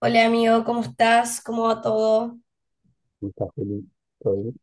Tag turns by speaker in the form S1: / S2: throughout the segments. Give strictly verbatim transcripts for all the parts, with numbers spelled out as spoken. S1: Hola amigo, ¿cómo estás? ¿Cómo va todo?
S2: ¿Cómo estás, Juli? ¿Todo bien?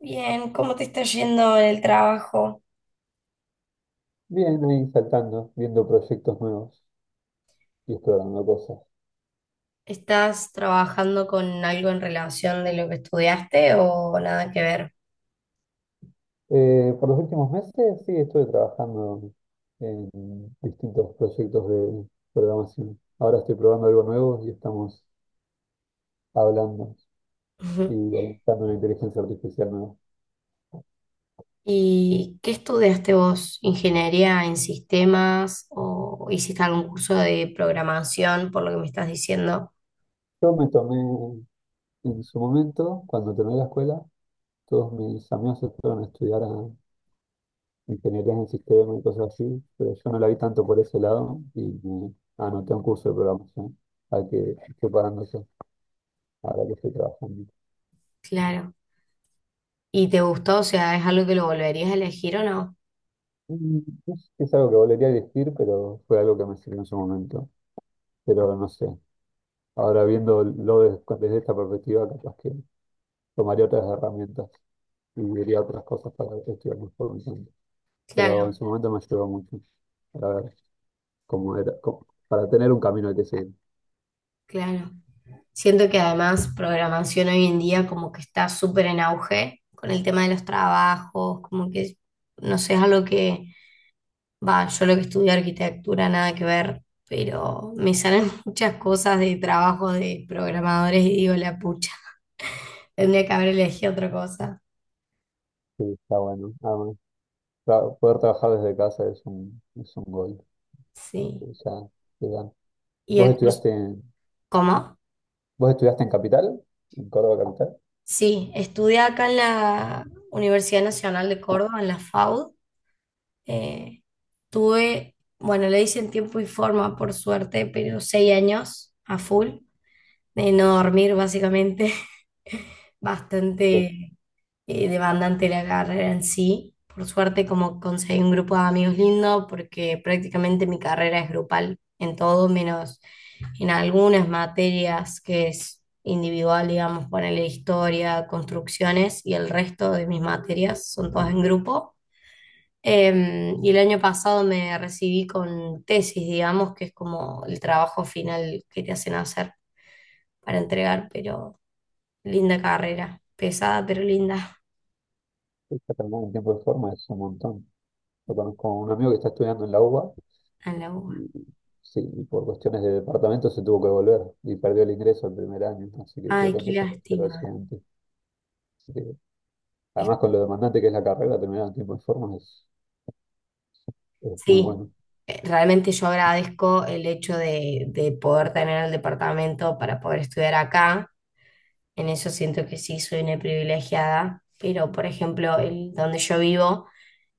S1: Bien, ¿cómo te está yendo en el trabajo?
S2: Bien, ahí saltando, viendo proyectos nuevos y explorando cosas.
S1: ¿Estás trabajando con algo en relación de lo que estudiaste o nada que ver?
S2: Eh, por los últimos meses sí estuve trabajando en distintos proyectos de programación. Ahora estoy probando algo nuevo y estamos hablando y
S1: Ujú.
S2: analizando una inteligencia artificial nueva.
S1: ¿Y qué estudiaste vos? ¿Ingeniería en sistemas o hiciste algún curso de programación por lo que me estás diciendo?
S2: Yo me tomé en su momento, cuando terminé la escuela, todos mis amigos se fueron a estudiar a ingenierías en sistemas y cosas así, pero yo no la vi tanto por ese lado y me anoté un curso de programación al que estoy pagando eso, ahora que estoy trabajando.
S1: Claro. ¿Y te gustó? O sea, ¿es algo que lo volverías a elegir o no?
S2: Mm, Es, es algo que volvería a elegir, pero fue algo que me sirvió en su momento. Pero no sé, ahora viéndolo des- desde esta perspectiva, capaz que tomaría otras herramientas y diría otras cosas para estudiar mejor mi campo. Pero en
S1: Claro,
S2: su momento me ayudó mucho para ver cómo era, cómo- para tener un camino al que seguir.
S1: claro. Siento que además programación hoy en día como que está súper en auge con el tema de los trabajos, como que no sé, es algo que, va, yo lo que estudié arquitectura, nada que ver, pero me salen muchas cosas de trabajo de programadores y digo, la pucha, tendría que haber elegido otra cosa.
S2: Sí, está bueno. Ah, Claro, poder trabajar desde casa es un, es un gol que
S1: Sí.
S2: ya te dan.
S1: ¿Y
S2: ¿Vos
S1: el curso?
S2: estudiaste en,
S1: ¿Cómo?
S2: ¿Vos estudiaste en Capital? ¿En Córdoba Capital?
S1: Sí, estudié acá en la Universidad Nacional de Córdoba, en la FAUD. Eh, Tuve, bueno, le hice en tiempo y forma, por suerte, pero seis años a full, de no dormir básicamente,
S2: Los
S1: bastante eh, demandante la carrera en sí. Por suerte, como conseguí un grupo de amigos lindo, porque prácticamente mi carrera es grupal en todo, menos en algunas materias que es individual, digamos, ponerle historia, construcciones, y el resto de mis materias son todas en grupo. Eh, y el año pasado me recibí con tesis, digamos, que es como el trabajo final que te hacen hacer para entregar, pero linda carrera, pesada pero linda
S2: está terminando en tiempo de forma es un montón. Yo conozco a un amigo que está estudiando en la U B A
S1: a la UBA.
S2: y sí, y por cuestiones de departamento se tuvo que volver y perdió el ingreso el primer año, así que tuvo
S1: Ay,
S2: que
S1: qué
S2: empezar a hacerlo al
S1: lástima.
S2: siguiente. Así que,
S1: Es-
S2: además con lo demandante que es la carrera, terminar en tiempo de forma es, es muy
S1: Sí,
S2: bueno.
S1: eh, realmente yo agradezco el hecho de, de poder tener el departamento para poder estudiar acá. En eso siento que sí soy una privilegiada, pero por ejemplo, el, donde yo vivo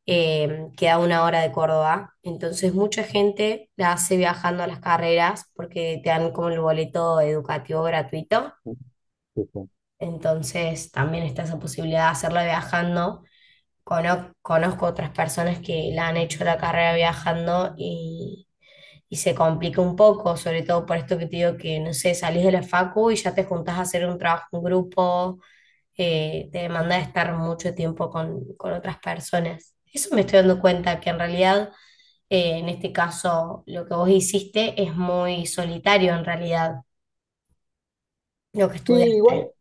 S1: eh, queda a una hora de Córdoba. Entonces mucha gente la hace viajando a las carreras porque te dan como el boleto educativo gratuito,
S2: Sí, sí.
S1: entonces también está esa posibilidad de hacerla viajando. Cono- conozco otras personas que la han hecho la carrera viajando y, y se complica un poco, sobre todo por esto que te digo que, no sé, salís de la facu y ya te juntás a hacer un trabajo en grupo, eh, te demanda de estar mucho tiempo con, con otras personas. Eso me estoy dando cuenta que en realidad, eh, en este caso, lo que vos hiciste es muy solitario en realidad, lo que
S2: Sí, igual.
S1: estudiaste.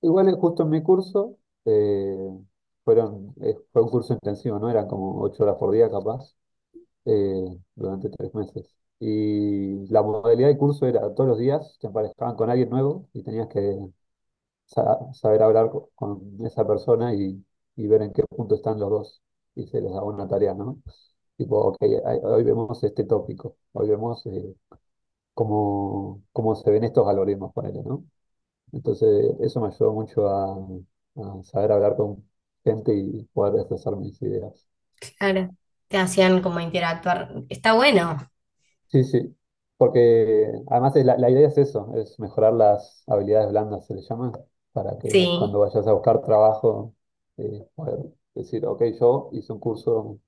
S2: Igual eh, justo en mi curso, eh, fueron, eh, fue un curso intensivo, ¿no? Eran como ocho horas por día capaz, eh, durante tres meses. Y la modalidad de curso era todos los días te emparejaban con alguien nuevo y tenías que sa- saber hablar co- con esa persona y, y ver en qué punto están los dos. Y se les daba una tarea, ¿no? Tipo, ok, hay- hoy vemos este tópico, hoy vemos eh, cómo, cómo se ven estos algoritmos, ponele, ¿no? Entonces, eso me ayudó mucho a, a saber hablar con gente y poder expresar mis ideas.
S1: Claro, te hacían como interactuar. Está bueno,
S2: Sí, sí, porque además es la, la idea es eso, es mejorar las habilidades blandas, se le llama, para que
S1: sí.
S2: cuando vayas a buscar trabajo, eh, poder decir, ok, yo hice un curso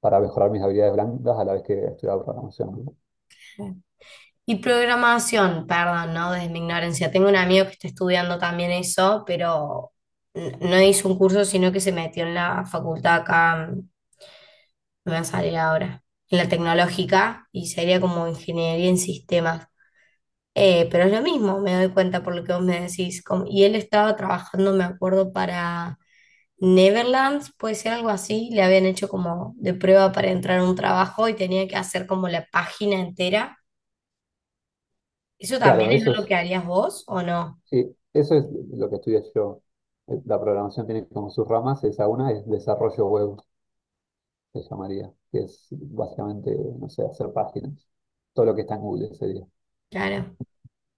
S2: para mejorar mis habilidades blandas a la vez que estudiaba programación. ¿No?
S1: Y programación, perdón, ¿no? Desde mi ignorancia. Tengo un amigo que está estudiando también eso, pero n- no hizo un curso, sino que se metió en la facultad acá, mm, me va a salir ahora, en la tecnológica, y sería como ingeniería en sistemas. Eh, pero es lo mismo, me doy cuenta por lo que vos me decís. Como- y él estaba trabajando, me acuerdo, para Neverlands, puede ser algo así. Le habían hecho como de prueba para entrar a un trabajo y tenía que hacer como la página entera. ¿Eso también
S2: Claro,
S1: es
S2: eso
S1: lo que
S2: es,
S1: harías vos o no?
S2: sí, eso es lo que estudié yo. Eh, La programación tiene como sus ramas, esa una es desarrollo web se llamaría, que es básicamente, no sé, hacer páginas, todo lo que está en Google sería.
S1: Claro,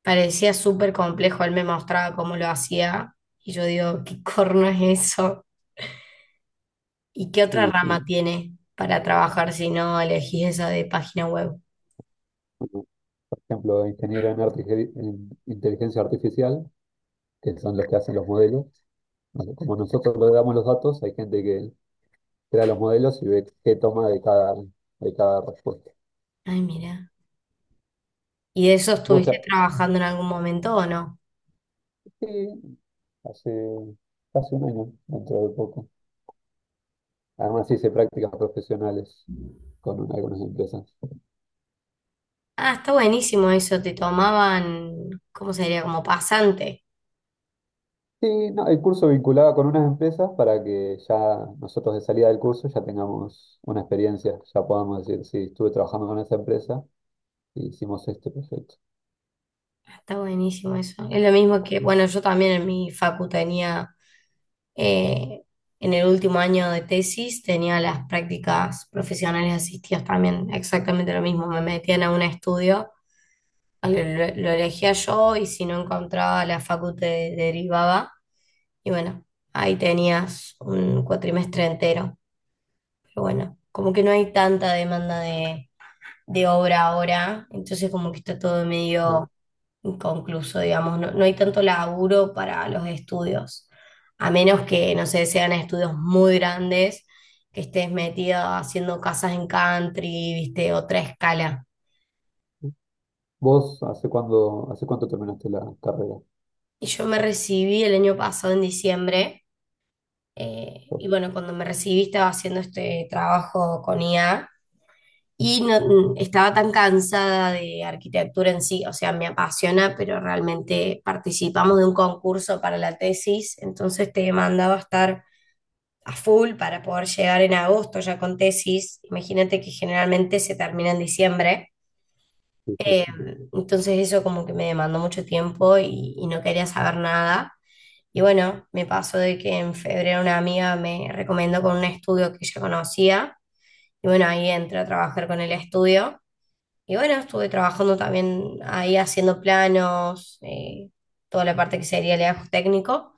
S1: parecía súper complejo. Él me mostraba cómo lo hacía y yo digo, ¿qué corno es eso? ¿Y qué otra
S2: Y
S1: rama
S2: sí,
S1: tiene para trabajar si no elegís esa de página web?
S2: bueno, por ejemplo, ingeniero en, artifici- en inteligencia artificial, que son los que hacen los modelos. Bueno, como nosotros le damos los datos, hay gente que crea los modelos y ve qué toma de cada, de cada respuesta.
S1: Ay, mira. ¿Y de eso
S2: Vos ya-
S1: estuviste trabajando en algún momento o no?
S2: sí, hace casi un año, dentro de poco. Además hice prácticas profesionales con algunas empresas.
S1: Ah, está buenísimo eso, te tomaban, ¿cómo se diría? Como pasante.
S2: Sí, no, el curso vinculaba con unas empresas para que ya nosotros de salida del curso ya tengamos una experiencia, ya podamos decir, sí, estuve trabajando con esa empresa y hicimos este proyecto,
S1: Ah, está buenísimo eso. Es lo mismo que, bueno, yo también en mi facu tenía, eh, en el último año de tesis, tenía las prácticas profesionales asistidas también, exactamente lo mismo. Me metían a un estudio, lo, lo- lo elegía yo y si no encontraba la facu te derivaba. Y bueno, ahí tenías un cuatrimestre entero. Pero bueno, como que no hay tanta demanda de, de obra ahora, entonces como que está todo
S2: ¿no?
S1: medio inconcluso, digamos, no, no hay tanto laburo para los estudios, a menos que, no sé, sean estudios muy grandes, que estés metido haciendo casas en country, viste, otra escala.
S2: ¿Vos hace cuándo, ¿hace cuánto terminaste la carrera?
S1: Y yo me recibí el año pasado en diciembre, eh, y
S2: Vos,
S1: bueno, cuando me recibí estaba haciendo este trabajo con I A. Y no, mm, estaba tan cansada de arquitectura en sí, o sea, me apasiona, pero realmente participamos de un concurso para la tesis, entonces te mandaba a estar a full para poder llegar en agosto ya con tesis. Imagínate que generalmente se termina en diciembre,
S2: sí, sí, sí.
S1: entonces eso como que me demandó mucho tiempo y, y no quería saber nada. Y bueno, me pasó de que en febrero una amiga me recomendó con un estudio que ella conocía, y bueno, ahí entré a trabajar con el estudio. Y bueno, estuve trabajando también ahí haciendo planos, eh, toda la parte que sería el legajo técnico.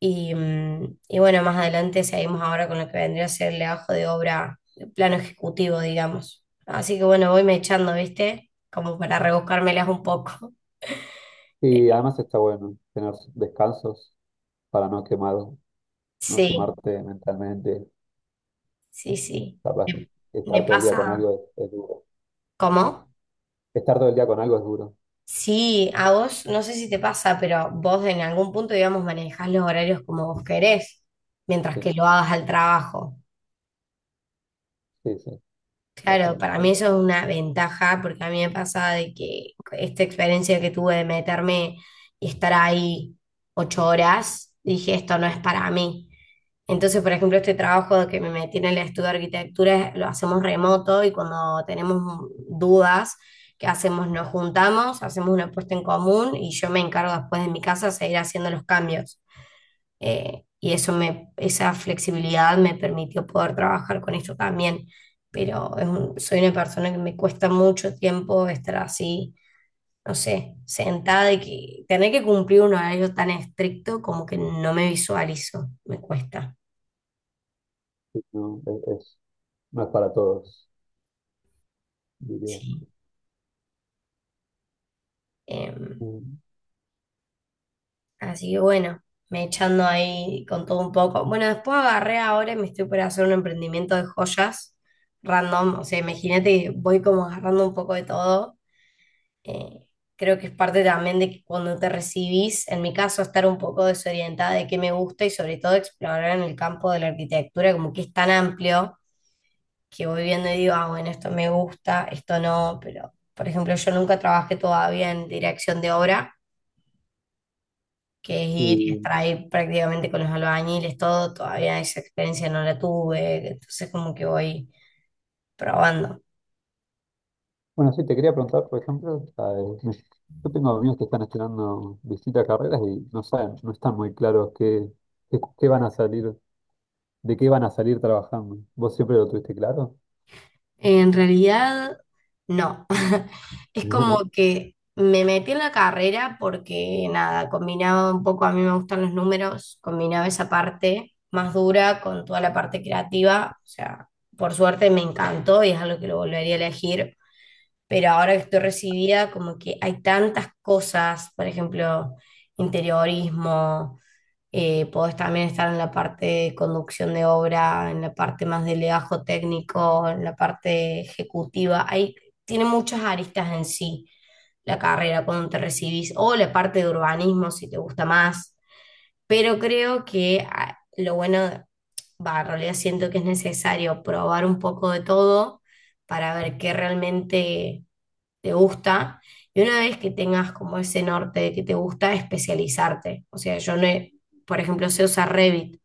S1: Y, mm, y bueno, más adelante seguimos ahora con lo que vendría a ser el legajo de obra, el plano ejecutivo, digamos. Así que bueno, voy me echando, ¿viste? Como para rebuscármelas un poco.
S2: Y además está bueno tener descansos para no quemar, no
S1: Sí,
S2: quemarte mentalmente,
S1: sí, sí.
S2: capaz
S1: Me
S2: que
S1: me
S2: estar todo el día con
S1: pasa.
S2: algo es, es duro.
S1: ¿Cómo?
S2: Estar todo el día con algo es duro,
S1: Sí, a vos, no sé si te pasa, pero vos en algún punto, digamos, manejás los horarios como vos querés, mientras
S2: sí,
S1: que lo hagas al trabajo.
S2: sí, sí,
S1: Claro, para mí
S2: básicamente.
S1: eso es una ventaja porque a mí me pasa de que esta experiencia que tuve de meterme y estar ahí ocho horas, dije, esto no es para mí. Entonces, por ejemplo, este trabajo que me metí en el estudio de arquitectura lo hacemos remoto y cuando tenemos dudas, ¿qué hacemos? Nos juntamos, hacemos una puesta en común y yo me encargo después de mi casa seguir haciendo los cambios, eh, y eso me, esa flexibilidad me permitió poder trabajar con esto también. Pero es un- soy una persona que me cuesta mucho tiempo estar así, no sé, sentada y que tener que cumplir un horario tan estricto como que no me visualizo, me cuesta.
S2: Sí, no, es, es- no es para todos. Diría.
S1: Sí. Eh,
S2: Mm.
S1: Así que bueno, me echando ahí con todo un poco. Bueno, después agarré ahora y me estoy por hacer un emprendimiento de joyas random. O sea, imagínate que voy como agarrando un poco de todo. Eh, Creo que es parte también de que cuando te recibís, en mi caso, estar un poco desorientada de qué me gusta y sobre todo explorar en el campo de la arquitectura, como que es tan amplio que voy viendo y digo, ah, bueno, esto me gusta, esto no, pero por ejemplo, yo nunca trabajé todavía en dirección de obra que es ir y
S2: Y,
S1: estar ahí prácticamente con los albañiles, todo, todavía esa experiencia no la tuve, entonces como que voy probando.
S2: bueno, sí, te quería preguntar, por ejemplo, ¿sabes? Yo tengo amigos que están estudiando distintas carreras y no saben, no están muy claros qué, qué, qué van a salir, de qué van a salir trabajando. ¿Vos siempre lo tuviste claro?
S1: En realidad, no. Es como que me metí en la carrera porque nada, combinaba un poco, a mí me gustan los números, combinaba esa parte más dura con toda la parte creativa, o sea, por suerte me encantó y es algo que lo volvería a elegir, pero ahora que estoy recibida, como que hay tantas cosas, por ejemplo, interiorismo, eh, podés también estar en la parte de conducción de obra, en la parte más de legajo técnico, en la parte ejecutiva, hay, tiene muchas aristas en sí la carrera cuando te recibís, o la parte de urbanismo si te gusta más, pero creo que ah, lo bueno, va, en realidad siento que es necesario probar un poco de todo para ver qué realmente te gusta, y una vez que tengas como ese norte de que te gusta, especializarte. O sea, yo no, he- por ejemplo, sé usar Revit,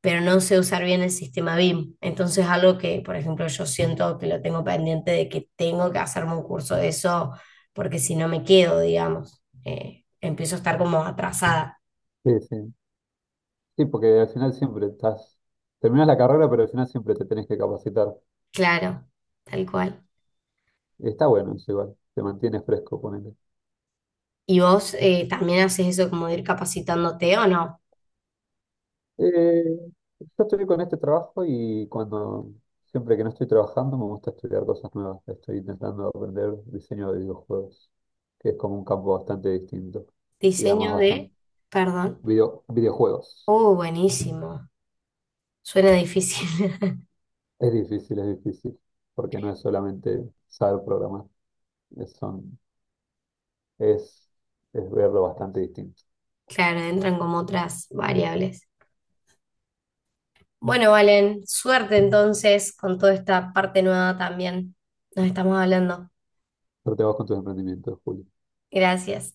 S1: pero no sé usar bien el sistema BIM. Entonces, algo que, por ejemplo, yo siento que lo tengo pendiente de que tengo que hacerme un curso de eso, porque si no me quedo, digamos, eh, empiezo a estar como atrasada.
S2: Sí, sí. Sí, porque al final siempre estás, terminás la carrera, pero al final siempre te tenés que capacitar.
S1: Claro, tal cual.
S2: Está bueno eso igual, te mantiene fresco.
S1: ¿Y vos eh, también haces eso como de ir capacitándote o no?
S2: Eh, yo estoy con este trabajo y cuando siempre que no estoy trabajando me gusta estudiar cosas nuevas. Estoy intentando aprender diseño de videojuegos, que es como un campo bastante distinto y
S1: Diseño
S2: además
S1: de,
S2: bastante
S1: perdón.
S2: video- videojuegos.
S1: Oh, buenísimo. Suena difícil.
S2: Es difícil, es difícil, porque no es solamente saber programar, es, son, es, es verlo bastante distinto.
S1: Claro, entran como otras variables. Bueno, Valen, suerte entonces con toda esta parte nueva también. Nos estamos hablando.
S2: Pero te vas con tus emprendimientos, Julio.
S1: Gracias.